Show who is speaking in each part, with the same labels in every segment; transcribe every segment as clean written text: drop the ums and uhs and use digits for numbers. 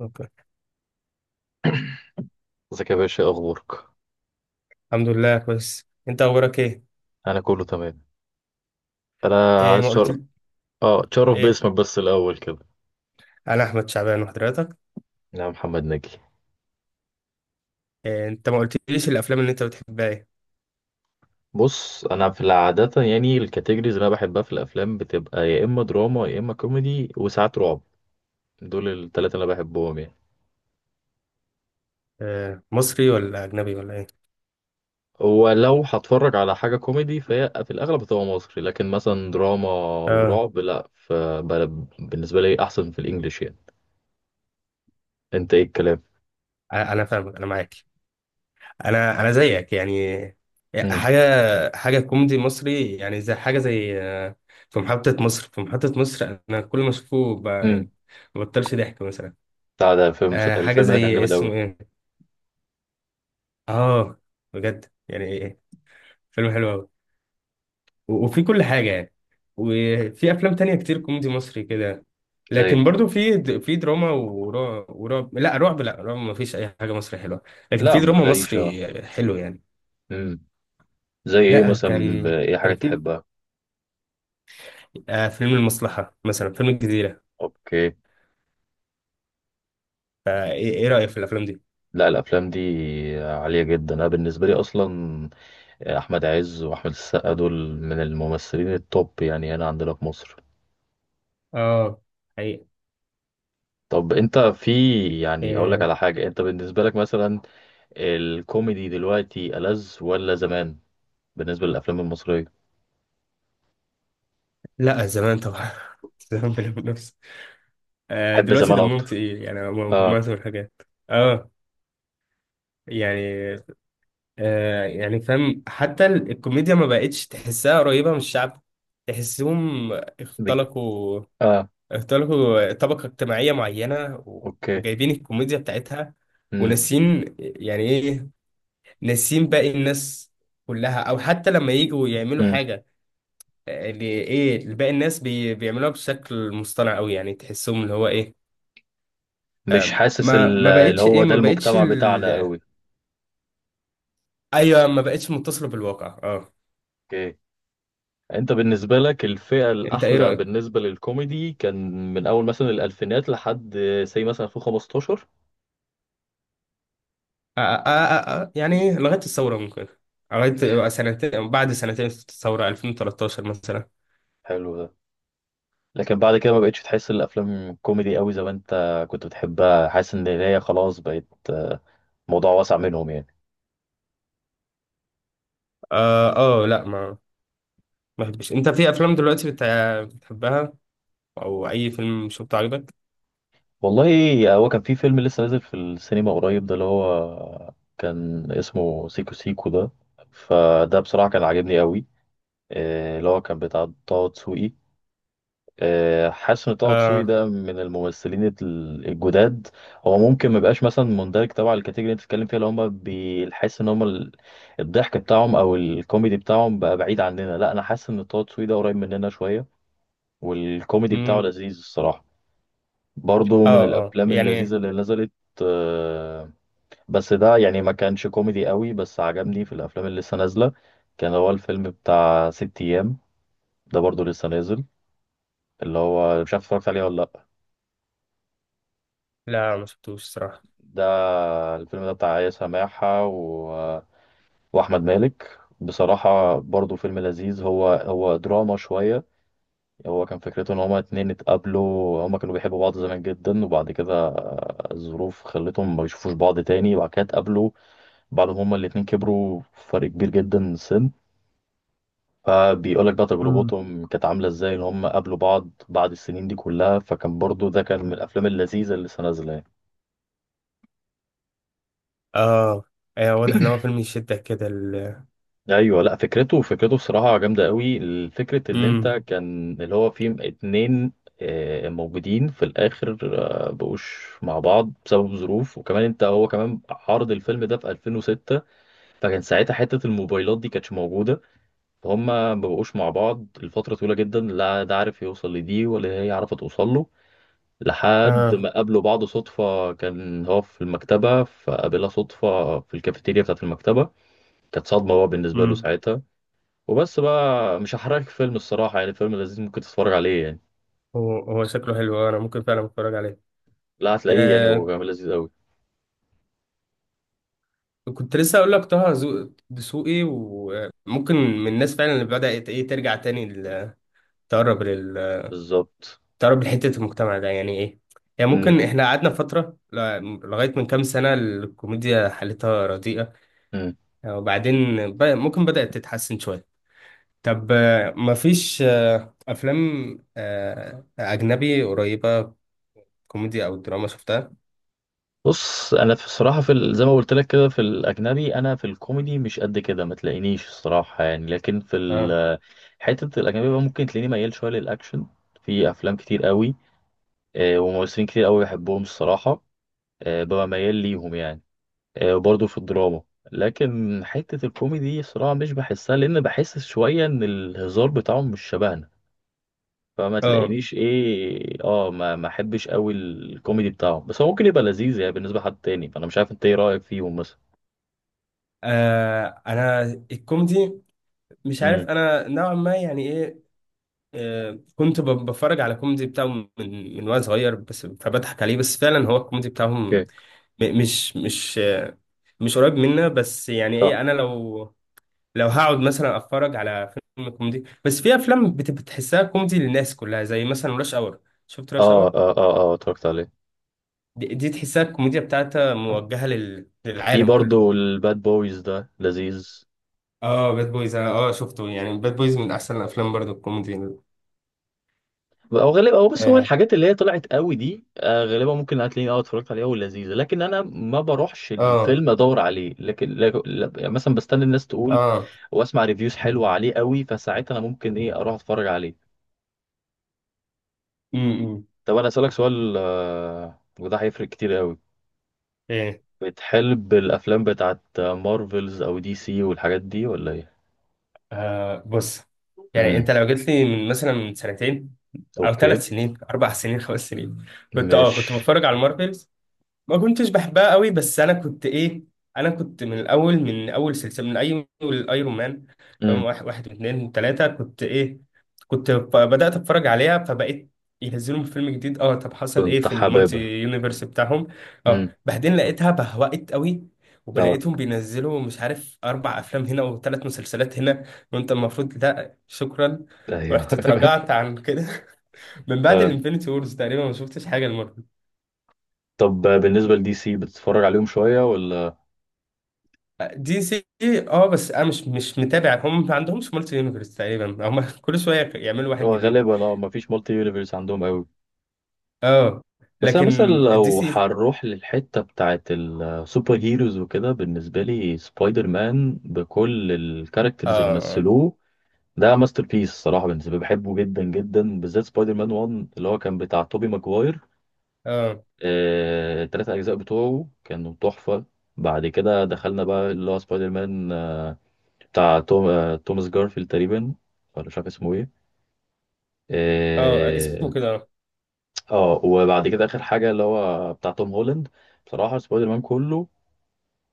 Speaker 1: اوكي.
Speaker 2: ازيك يا باشا؟ إيه اخبارك؟
Speaker 1: الحمد لله، كويس. انت اخبارك ايه؟
Speaker 2: انا كله تمام. انا
Speaker 1: ايه،
Speaker 2: عايز
Speaker 1: ما قلت؟
Speaker 2: اه، تشرف
Speaker 1: ايه،
Speaker 2: باسمك بس الاول كده.
Speaker 1: انا احمد شعبان، وحضرتك؟
Speaker 2: انا محمد ناجي.
Speaker 1: إيه، انت ما قلتليش الافلام اللي انت بتحبها ايه؟
Speaker 2: بص، انا في العادة يعني الكاتيجوريز اللي انا بحبها في الافلام بتبقى يا اما دراما يا اما كوميدي وساعات رعب. دول الثلاثه اللي انا بحبهم يعني.
Speaker 1: آه، مصري ولا اجنبي ولا ايه؟
Speaker 2: ولو هتفرج على حاجة كوميدي فهي في الأغلب بتبقى مصري، لكن مثلا دراما
Speaker 1: اه،
Speaker 2: ورعب لأ، بالنسبة لي أحسن في الإنجليش يعني. أنت إيه الكلام؟
Speaker 1: انا فاهمك، انا معاك. انا زيك يعني. إيه،
Speaker 2: امم.
Speaker 1: حاجه كوميدي مصري، يعني زي حاجه، زي في محطه مصر، انا كل ما اشوفه
Speaker 2: امم.
Speaker 1: يعني ما بطلش ضحك مثلا.
Speaker 2: بتاع ده الفيلم،
Speaker 1: آه، حاجه
Speaker 2: الفيلم ده كان
Speaker 1: زي،
Speaker 2: جامد أوي.
Speaker 1: اسمه ايه؟ اه، بجد، يعني إيه؟ فيلم حلو أوي. وفي كل حاجة يعني. وفي أفلام تانية كتير كوميدي مصري كده.
Speaker 2: زي.
Speaker 1: لكن برضو في في دراما ورعب، لا، رعب ما فيش أي حاجة مصري حلوة. لكن
Speaker 2: لا
Speaker 1: في
Speaker 2: ما
Speaker 1: دراما
Speaker 2: تلاقيش.
Speaker 1: مصري حلو يعني.
Speaker 2: اه. زي ايه
Speaker 1: لا،
Speaker 2: مثلا؟
Speaker 1: كان،
Speaker 2: ايه حاجة
Speaker 1: كان في
Speaker 2: تحبها؟
Speaker 1: آه، فيلم المصلحة مثلا، فيلم الجزيرة.
Speaker 2: اوكي.
Speaker 1: فإيه، إيه رأيك في الأفلام دي؟
Speaker 2: لا الافلام دي عالية جدا. انا بالنسبة لي اصلا، احمد عز واحمد السقا دول من الممثلين التوب يعني هنا عندنا في مصر.
Speaker 1: اه، حقيقة.
Speaker 2: طب انت في، يعني اقول لك
Speaker 1: آه،
Speaker 2: على حاجة، انت بالنسبة لك مثلا الكوميدي دلوقتي ألذ ولا زمان؟ بالنسبة للافلام المصرية.
Speaker 1: لا، زمان طبعا. زمان بلا منافسة. آه،
Speaker 2: تحب
Speaker 1: دلوقتي
Speaker 2: زمان
Speaker 1: دمهم
Speaker 2: اكتر؟
Speaker 1: تقيل، يعني
Speaker 2: اه.
Speaker 1: معظم الحاجات. اه، يعني، يعني فاهم. حتى الكوميديا ما بقتش تحسها قريبة من الشعب. تحسهم
Speaker 2: بك...
Speaker 1: اختلقوا،
Speaker 2: اه.
Speaker 1: اختلقوا طبقة اجتماعية معينة
Speaker 2: اوكي.
Speaker 1: وجايبين الكوميديا بتاعتها،
Speaker 2: امم.
Speaker 1: وناسين، يعني ايه، ناسين باقي الناس كلها، او حتى لما يجوا يعملوا
Speaker 2: امم.
Speaker 1: حاجة، اللي ايه، اللي باقي الناس بيعملوها بشكل مصطنع قوي. يعني تحسهم اللي هو ايه؟
Speaker 2: مش حاسس
Speaker 1: ما ما
Speaker 2: اللي
Speaker 1: بقتش
Speaker 2: هو
Speaker 1: ايه،
Speaker 2: ده
Speaker 1: ما بقتش
Speaker 2: المجتمع بتاعنا قوي.
Speaker 1: ايوه، ما بقتش متصلة بالواقع. اه،
Speaker 2: اوكي. انت بالنسبة لك الفئة
Speaker 1: انت ايه
Speaker 2: الأحلى
Speaker 1: رأيك؟
Speaker 2: بالنسبة للكوميدي كان من أول مثلا الألفينات لحد سي مثلا 2015؟
Speaker 1: آه، آه، آه، يعني لغاية الثورة ممكن. لغاية سنتين، بعد سنتين الثورة 2013 مثلا.
Speaker 2: حلو ده. لكن بعد كده ما بقتش تحس الأفلام كوميدي قوي زي ما انت كنت بتحبها؟ حاسس إن هي خلاص بقت موضوع واسع منهم يعني.
Speaker 1: اه، آه، لا، ما بحبش. انت في افلام دلوقتي بتحبها؟ او اي فيلم شفته عجبك؟
Speaker 2: والله هو كان في فيلم لسه نازل في السينما قريب ده، اللي هو كان اسمه سيكو سيكو ده. فده بصراحة كان عاجبني قوي. اللي هو كان بتاع طه دسوقي. حاسس ان طه دسوقي
Speaker 1: اه،
Speaker 2: ده من الممثلين الجداد. هو ممكن ما يبقاش مثلا مندرج تبع الكاتيجوري اللي انت بتتكلم فيها، اللي هم بيحس ان هم الضحك بتاعهم او الكوميدي بتاعهم بقى بعيد عننا. لا انا حاسس ان طه دسوقي ده قريب مننا شويه، والكوميدي بتاعه
Speaker 1: امم،
Speaker 2: لذيذ الصراحه. برضه من
Speaker 1: اه، اه،
Speaker 2: الافلام اللذيذه
Speaker 1: يعني
Speaker 2: اللي نزلت. آه، بس ده يعني ما كانش كوميدي قوي. بس عجبني في الافلام اللي لسه نازله كان هو الفيلم بتاع ست ايام. ده برضه لسه نازل. اللي هو مش عارف اتفرجت عليه ولا لا؟
Speaker 1: لا، ما شفتوش صراحة.
Speaker 2: ده الفيلم ده بتاع آية سماحة و... وأحمد مالك. بصراحة برضو فيلم لذيذ. هو هو دراما شوية. هو كان فكرته إن هما اتنين اتقابلوا، هما كانوا بيحبوا بعض زمان جدا، وبعد كده الظروف خلتهم ما يشوفوش بعض تاني، وبعد كده اتقابلوا بعد ما هما الاتنين كبروا فرق كبير جدا سن. فبيقولك بقى
Speaker 1: امم.
Speaker 2: تجربتهم كانت عاملة ازاي إن هما قابلوا بعض بعد السنين دي كلها. فكان برضو ده كان من الأفلام اللذيذة اللي لسه نازلة يعني.
Speaker 1: اه، ايوه، واضح ان هو فيلم يشدك كده ال.
Speaker 2: ايوه. لا فكرته، فكرته بصراحه جامده قوي. الفكره اللي انت
Speaker 1: امم.
Speaker 2: كان اللي هو فيه اتنين موجودين في الاخر بقوش مع بعض بسبب ظروف. وكمان انت هو كمان عرض الفيلم ده في 2006، فكان ساعتها حته الموبايلات دي كانتش موجوده، فهم ما بقوش مع بعض لفتره طويله جدا. لا ده عارف يوصل لدي، ولا هي عارفه توصل له، لحد
Speaker 1: اه،
Speaker 2: ما قابلوا بعض صدفه. كان هو في المكتبه فقابلها صدفه في الكافيتيريا بتاعت المكتبه. كانت صدمه هو بالنسبه له
Speaker 1: امم.
Speaker 2: ساعتها. وبس بقى، مش هحرقلك فيلم. الصراحة يعني فيلم لذيذ، ممكن تتفرج عليه يعني.
Speaker 1: هو شكله حلو، انا ممكن فعلا اتفرج
Speaker 2: لا هتلاقيه يعني هو
Speaker 1: عليه.
Speaker 2: كمان لذيذ قوي.
Speaker 1: كنت لسه اقول لك طه دسوقي، وممكن من الناس فعلا اللي بدأت، ايه، إيه، ترجع تاني تقرب لل،
Speaker 2: بالظبط.
Speaker 1: تقرب لحتة المجتمع ده، يعني ايه. يعني
Speaker 2: امم.
Speaker 1: ممكن احنا قعدنا فترة لغاية من كام سنة الكوميديا حالتها رديئة.
Speaker 2: امم.
Speaker 1: وبعدين، ممكن بدأت تتحسن شوية. طب، مفيش أفلام أجنبي قريبة كوميديا أو دراما شفتها؟
Speaker 2: بص انا في الصراحة في زي ما قلت لك كده، في الاجنبي انا في الكوميدي مش قد كده، ما تلاقينيش الصراحة يعني. لكن في
Speaker 1: اه،
Speaker 2: حتة الاجنبي بقى ممكن تلاقيني ميال شوية للاكشن. في افلام كتير قوي، وممثلين كتير قوي بحبهم الصراحة. ببقى ميال ليهم يعني. برضه في الدراما. لكن حتة الكوميدي صراحة مش بحسها، لأن بحس شوية إن الهزار بتاعهم مش شبهنا. فما
Speaker 1: اه.
Speaker 2: تلاقينيش إيه، ما أحبش أوي الكوميدي بتاعهم. بس هو ممكن يبقى لذيذ يعني بالنسبة لحد تاني، فأنا مش عارف أنت إيه رأيك فيهم مثلا.
Speaker 1: آه، انا الكوميدي، مش عارف،
Speaker 2: امم.
Speaker 1: انا نوعا ما يعني إيه. كنت بتفرج على كوميدي بتاعهم من وانا صغير، بس فبضحك عليه. بس فعلا هو الكوميدي بتاعهم
Speaker 2: اوكي.
Speaker 1: مش مش قريب منا. بس يعني
Speaker 2: صح.
Speaker 1: ايه، انا لو، لو هقعد مثلا اتفرج على فيلم كوميدي، بس في افلام بتحسها كوميدي للناس كلها، زي مثلا راش اور. شفت راش
Speaker 2: آه
Speaker 1: اور؟
Speaker 2: آه آه آه، اتفرجت عليه.
Speaker 1: دي تحسها الكوميديا بتاعتها موجهة
Speaker 2: في
Speaker 1: للعالم كله.
Speaker 2: برضه الباد بويز ده لذيذ.
Speaker 1: اه، باد بويز، انا اه شفته. يعني باد بويز من احسن الافلام برضو الكوميدي.
Speaker 2: او غالبا، او بص هو
Speaker 1: اه،
Speaker 2: الحاجات اللي هي طلعت قوي دي غالبا ممكن هتلاقيني اه اتفرجت عليها ولذيذه. لكن انا ما بروحش
Speaker 1: اه،
Speaker 2: الفيلم ادور عليه، لكن يعني مثلا بستنى الناس تقول
Speaker 1: اه.
Speaker 2: واسمع ريفيوز حلوه عليه قوي، فساعتها انا ممكن ايه اروح اتفرج عليه.
Speaker 1: امم.
Speaker 2: طب انا اسالك سؤال، وده هيفرق كتير قوي، بتحب الافلام بتاعت مارفلز او دي سي والحاجات دي ولا ايه؟
Speaker 1: آه، بص. يعني
Speaker 2: امم.
Speaker 1: انت لو جيت لي من مثلا، من سنتين، او
Speaker 2: اوكي.
Speaker 1: ثلاث سنين، اربع سنين، خمس سنين، كنت،
Speaker 2: مش.
Speaker 1: اه، كنت بتفرج على المارفل. ما كنتش بحبها قوي، بس انا كنت ايه، انا كنت من الاول، من اول سلسله، من اي الايرون مان، تمام.
Speaker 2: امم.
Speaker 1: واحد، واحد واثنين ثلاثه، كنت ايه، كنت بدات اتفرج عليها. فبقيت ينزلوا فيلم جديد، اه، طب حصل ايه
Speaker 2: كنت
Speaker 1: في المالتي
Speaker 2: حاببها.
Speaker 1: يونيفرس بتاعهم؟ اه،
Speaker 2: امم.
Speaker 1: بعدين لقيتها بهوقت قوي.
Speaker 2: اه.
Speaker 1: وبلاقيتهم بينزلوا، مش عارف، اربع افلام هنا وثلاث مسلسلات هنا، وانت المفروض، لا شكرا.
Speaker 2: ايوه.
Speaker 1: ورحت اتراجعت عن كده. من بعد الانفينيتي وورز تقريبا ما شفتش حاجه.
Speaker 2: طب بالنسبة لدي سي بتتفرج عليهم شوية ولا؟
Speaker 1: دي سي إيه؟ اه، بس انا مش متابع. هم ما عندهمش مالتي يونيفرس تقريبا. هم كل شويه يعملوا واحد
Speaker 2: هو
Speaker 1: جديد.
Speaker 2: غالبا اه مفيش مالتي يونيفرس عندهم قوي.
Speaker 1: اه،
Speaker 2: بس انا
Speaker 1: لكن
Speaker 2: مثلا
Speaker 1: الدي
Speaker 2: لو
Speaker 1: سي،
Speaker 2: هنروح للحتة بتاعت السوبر هيروز وكده، بالنسبة لي سبايدر مان بكل الكاركترز اللي
Speaker 1: اه،
Speaker 2: مثلوه ده ماستر بيس الصراحة. بالنسبة لي بحبه جدا جدا، بالذات سبايدر مان 1 اللي هو كان بتاع توبي ماجواير.
Speaker 1: اه،
Speaker 2: التلات أجزاء بتوعه كانوا تحفة. بعد كده دخلنا بقى اللي هو سبايدر مان بتاع توماس جارفيلد تقريبا، ولا مش عارف اسمه إيه.
Speaker 1: اه، اسمه
Speaker 2: اه.
Speaker 1: كده، اه.
Speaker 2: وبعد كده اخر حاجه اللي هو بتاع توم هولاند. بصراحه سبايدر مان كله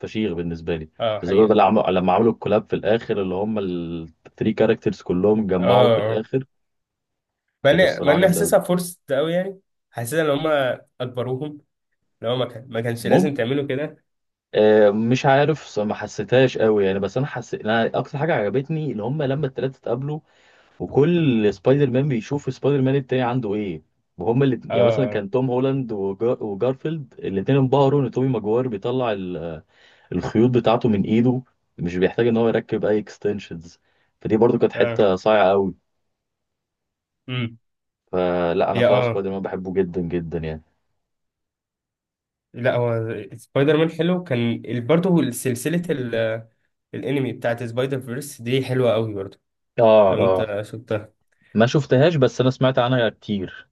Speaker 2: فشيخ بالنسبه لي،
Speaker 1: آه،
Speaker 2: بالذات
Speaker 1: حقيقه.
Speaker 2: بقى لما عملوا الكولاب في الاخر، اللي هم الثري كاركترز كلهم اتجمعوا في
Speaker 1: اه، اه،
Speaker 2: الاخر.
Speaker 1: مع
Speaker 2: كانت
Speaker 1: اني مع
Speaker 2: الصراحه
Speaker 1: اني
Speaker 2: جامده قوي.
Speaker 1: حاسسها فرصه قوي يعني. حاسسها ان هم اجبروهم. لو ما كانش لازم
Speaker 2: ممكن.
Speaker 1: تعملوا كده.
Speaker 2: آه مش عارف، ما حسيتهاش قوي يعني. بس انا حسيت انا اكتر حاجه عجبتني اللي هم لما الثلاثه اتقابلوا وكل سبايدر مان بيشوف سبايدر مان التاني عنده ايه. وهم اللي يعني مثلا
Speaker 1: اه،
Speaker 2: كان توم هولاند وجارفيلد الاثنين انبهروا ان تومي ماجوار بيطلع الخيوط بتاعته من ايده، مش بيحتاج ان هو يركب اي اكستنشنز. فدي برضو كانت
Speaker 1: اه،
Speaker 2: حته صايعه قوي.
Speaker 1: امم.
Speaker 2: فلا انا
Speaker 1: هي
Speaker 2: بصراحه
Speaker 1: اه،
Speaker 2: سبايدر مان بحبه جدا جدا يعني.
Speaker 1: لا، هو سبايدر مان حلو كان. برضه سلسله الانمي بتاعت سبايدر فيرس دي حلوه قوي برضه،
Speaker 2: اه.
Speaker 1: لو
Speaker 2: اه
Speaker 1: انت شفتها.
Speaker 2: ما شفتهاش، بس انا سمعت عنها كتير.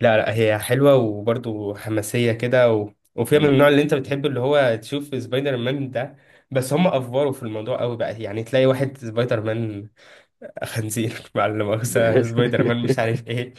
Speaker 1: لا، لا، هي حلوة وبرضه حماسية كده. وفيها من
Speaker 2: مم.
Speaker 1: النوع اللي انت بتحبه، اللي هو تشوف سبايدر مان ده. بس هم افوروا في الموضوع قوي بقى، يعني تلاقي واحد سبايدر مان خنزير، مع لا مؤاخذة، سبايدر مان مش عارف ايه،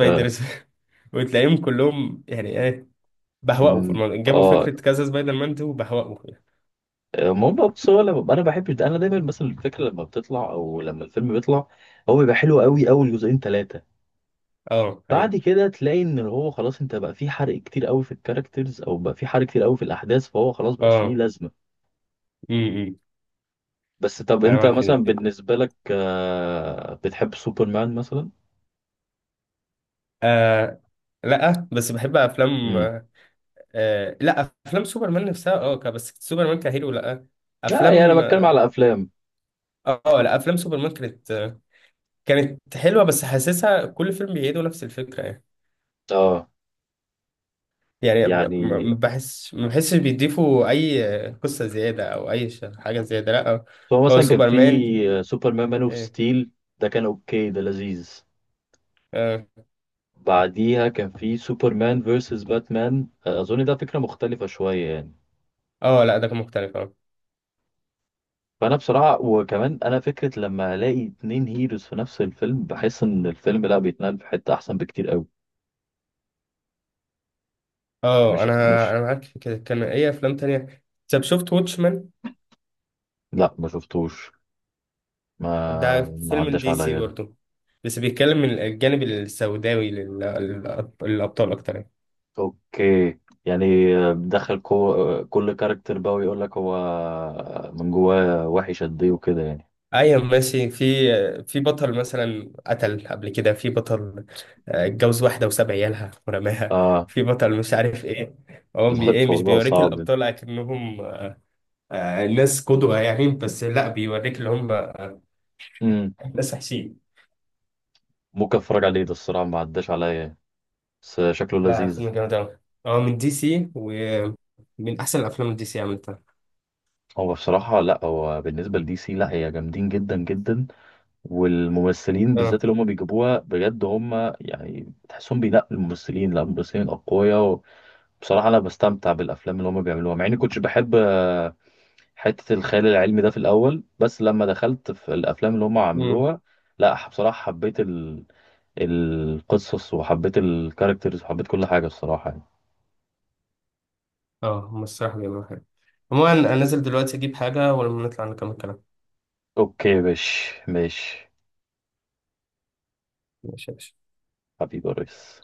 Speaker 2: اه.
Speaker 1: س- وتلاقيهم كلهم، يعني ايه، بهوأوا في
Speaker 2: مم.
Speaker 1: الموضوع. جابوا
Speaker 2: آه.
Speaker 1: فكرة كذا سبايدر مان دي وبهوأوا فيها.
Speaker 2: المهم بس هو لما انا بحب ده، انا دايما مثلا الفكره لما بتطلع او لما الفيلم بيطلع هو بيبقى حلو قوي اول جزئين ثلاثه.
Speaker 1: اه،
Speaker 2: بعد
Speaker 1: حقيقة.
Speaker 2: كده تلاقي ان هو خلاص، انت بقى في حرق كتير قوي في الكاركترز او بقى في حرق كتير قوي في الاحداث، فهو خلاص بقاش ليه
Speaker 1: اه،
Speaker 2: لازمه.
Speaker 1: امم،
Speaker 2: بس طب
Speaker 1: انا
Speaker 2: انت
Speaker 1: معاك في
Speaker 2: مثلا
Speaker 1: دي.
Speaker 2: بالنسبة لك، بتحب سوبرمان مثلا؟
Speaker 1: آه، لا بس بحب افلام.
Speaker 2: امم.
Speaker 1: آه، لا، افلام سوبرمان نفسها اه بس سوبرمان كهيرو لا.
Speaker 2: لا يعني انا
Speaker 1: افلام
Speaker 2: بتكلم
Speaker 1: اه،
Speaker 2: على افلام.
Speaker 1: آه، لا، افلام سوبرمان كانت، كانت حلوه. بس حاسسها كل فيلم بيعيدوا نفس الفكره يعني.
Speaker 2: اه.
Speaker 1: يعني
Speaker 2: يعني
Speaker 1: ما بحسش بيضيفوا اي قصه زياده، او اي حاجه زياده، لا.
Speaker 2: فهو
Speaker 1: هو
Speaker 2: مثلا كان في
Speaker 1: سوبرمان
Speaker 2: سوبرمان مان اوف
Speaker 1: إيه.
Speaker 2: ستيل. ده كان اوكي، ده لذيذ.
Speaker 1: اه،
Speaker 2: بعديها كان في سوبرمان فيرسس باتمان. اظن ده فكرة مختلفة شوية يعني.
Speaker 1: اه، لا، ده كان مختلف. اه،
Speaker 2: فانا بصراحة، وكمان انا فكرة لما الاقي اتنين هيروز في نفس الفيلم بحس ان الفيلم لا بيتنقل في حتة احسن بكتير قوي.
Speaker 1: اه
Speaker 2: مش.
Speaker 1: انا
Speaker 2: مش.
Speaker 1: انا معاك في كده. كان ايه افلام تانية؟ طب شفت واتشمان؟
Speaker 2: لا ما شفتوش.
Speaker 1: ده
Speaker 2: ما
Speaker 1: فيلم
Speaker 2: عداش
Speaker 1: دي سي
Speaker 2: عليا ده.
Speaker 1: برضه، بس بيتكلم من الجانب السوداوي للأبطال أكتر يعني.
Speaker 2: اوكي. يعني بتدخل كو... آه، كل كاركتر بقى ويقول لك هو من جواه وحش قد ايه وكده يعني.
Speaker 1: أيوة، ماشي، في، في بطل مثلا قتل قبل كده، في بطل اتجوز واحدة وساب عيالها ورماها،
Speaker 2: اه.
Speaker 1: في بطل مش عارف إيه. هو بي
Speaker 2: لا
Speaker 1: إيه مش
Speaker 2: الموضوع
Speaker 1: بيوريك
Speaker 2: صعب.
Speaker 1: الأبطال أكنهم ناس قدوة يعني، بس لا، بيوريك اللي هم
Speaker 2: امم.
Speaker 1: ناس وحشين.
Speaker 2: ممكن اتفرج عليه ده الصراحه، ما عداش عليا يعني. بس شكله
Speaker 1: لا، فيلم
Speaker 2: لذيذ.
Speaker 1: جامد أوي. هو من دي سي ومن أحسن الأفلام اللي دي سي عملتها.
Speaker 2: هو بصراحه، لا هو بالنسبه لدي سي لا هي جامدين جدا جدا، والممثلين
Speaker 1: اه،
Speaker 2: بالذات اللي هم بيجيبوها بجد هم، يعني تحسهم بينقوا الممثلين. لا الممثلين اقوياء. بصراحه انا بستمتع بالافلام اللي هم بيعملوها، مع اني كنتش بحب حتة الخيال العلمي ده في الأول. بس لما دخلت في الأفلام اللي هم عملوها، لا بصراحة حبيت ال... القصص وحبيت الكاركترز وحبيت كل حاجة الصراحة يعني.
Speaker 1: اه. هم الصراحة بيعملوا حاجة. عموما أنا نازل دلوقتي أجيب حاجة، ولما نطلع نكمل كلام.
Speaker 2: أوكي ماشي ماشي.
Speaker 1: ماشي يا باشا.
Speaker 2: حبيبي يا ريس.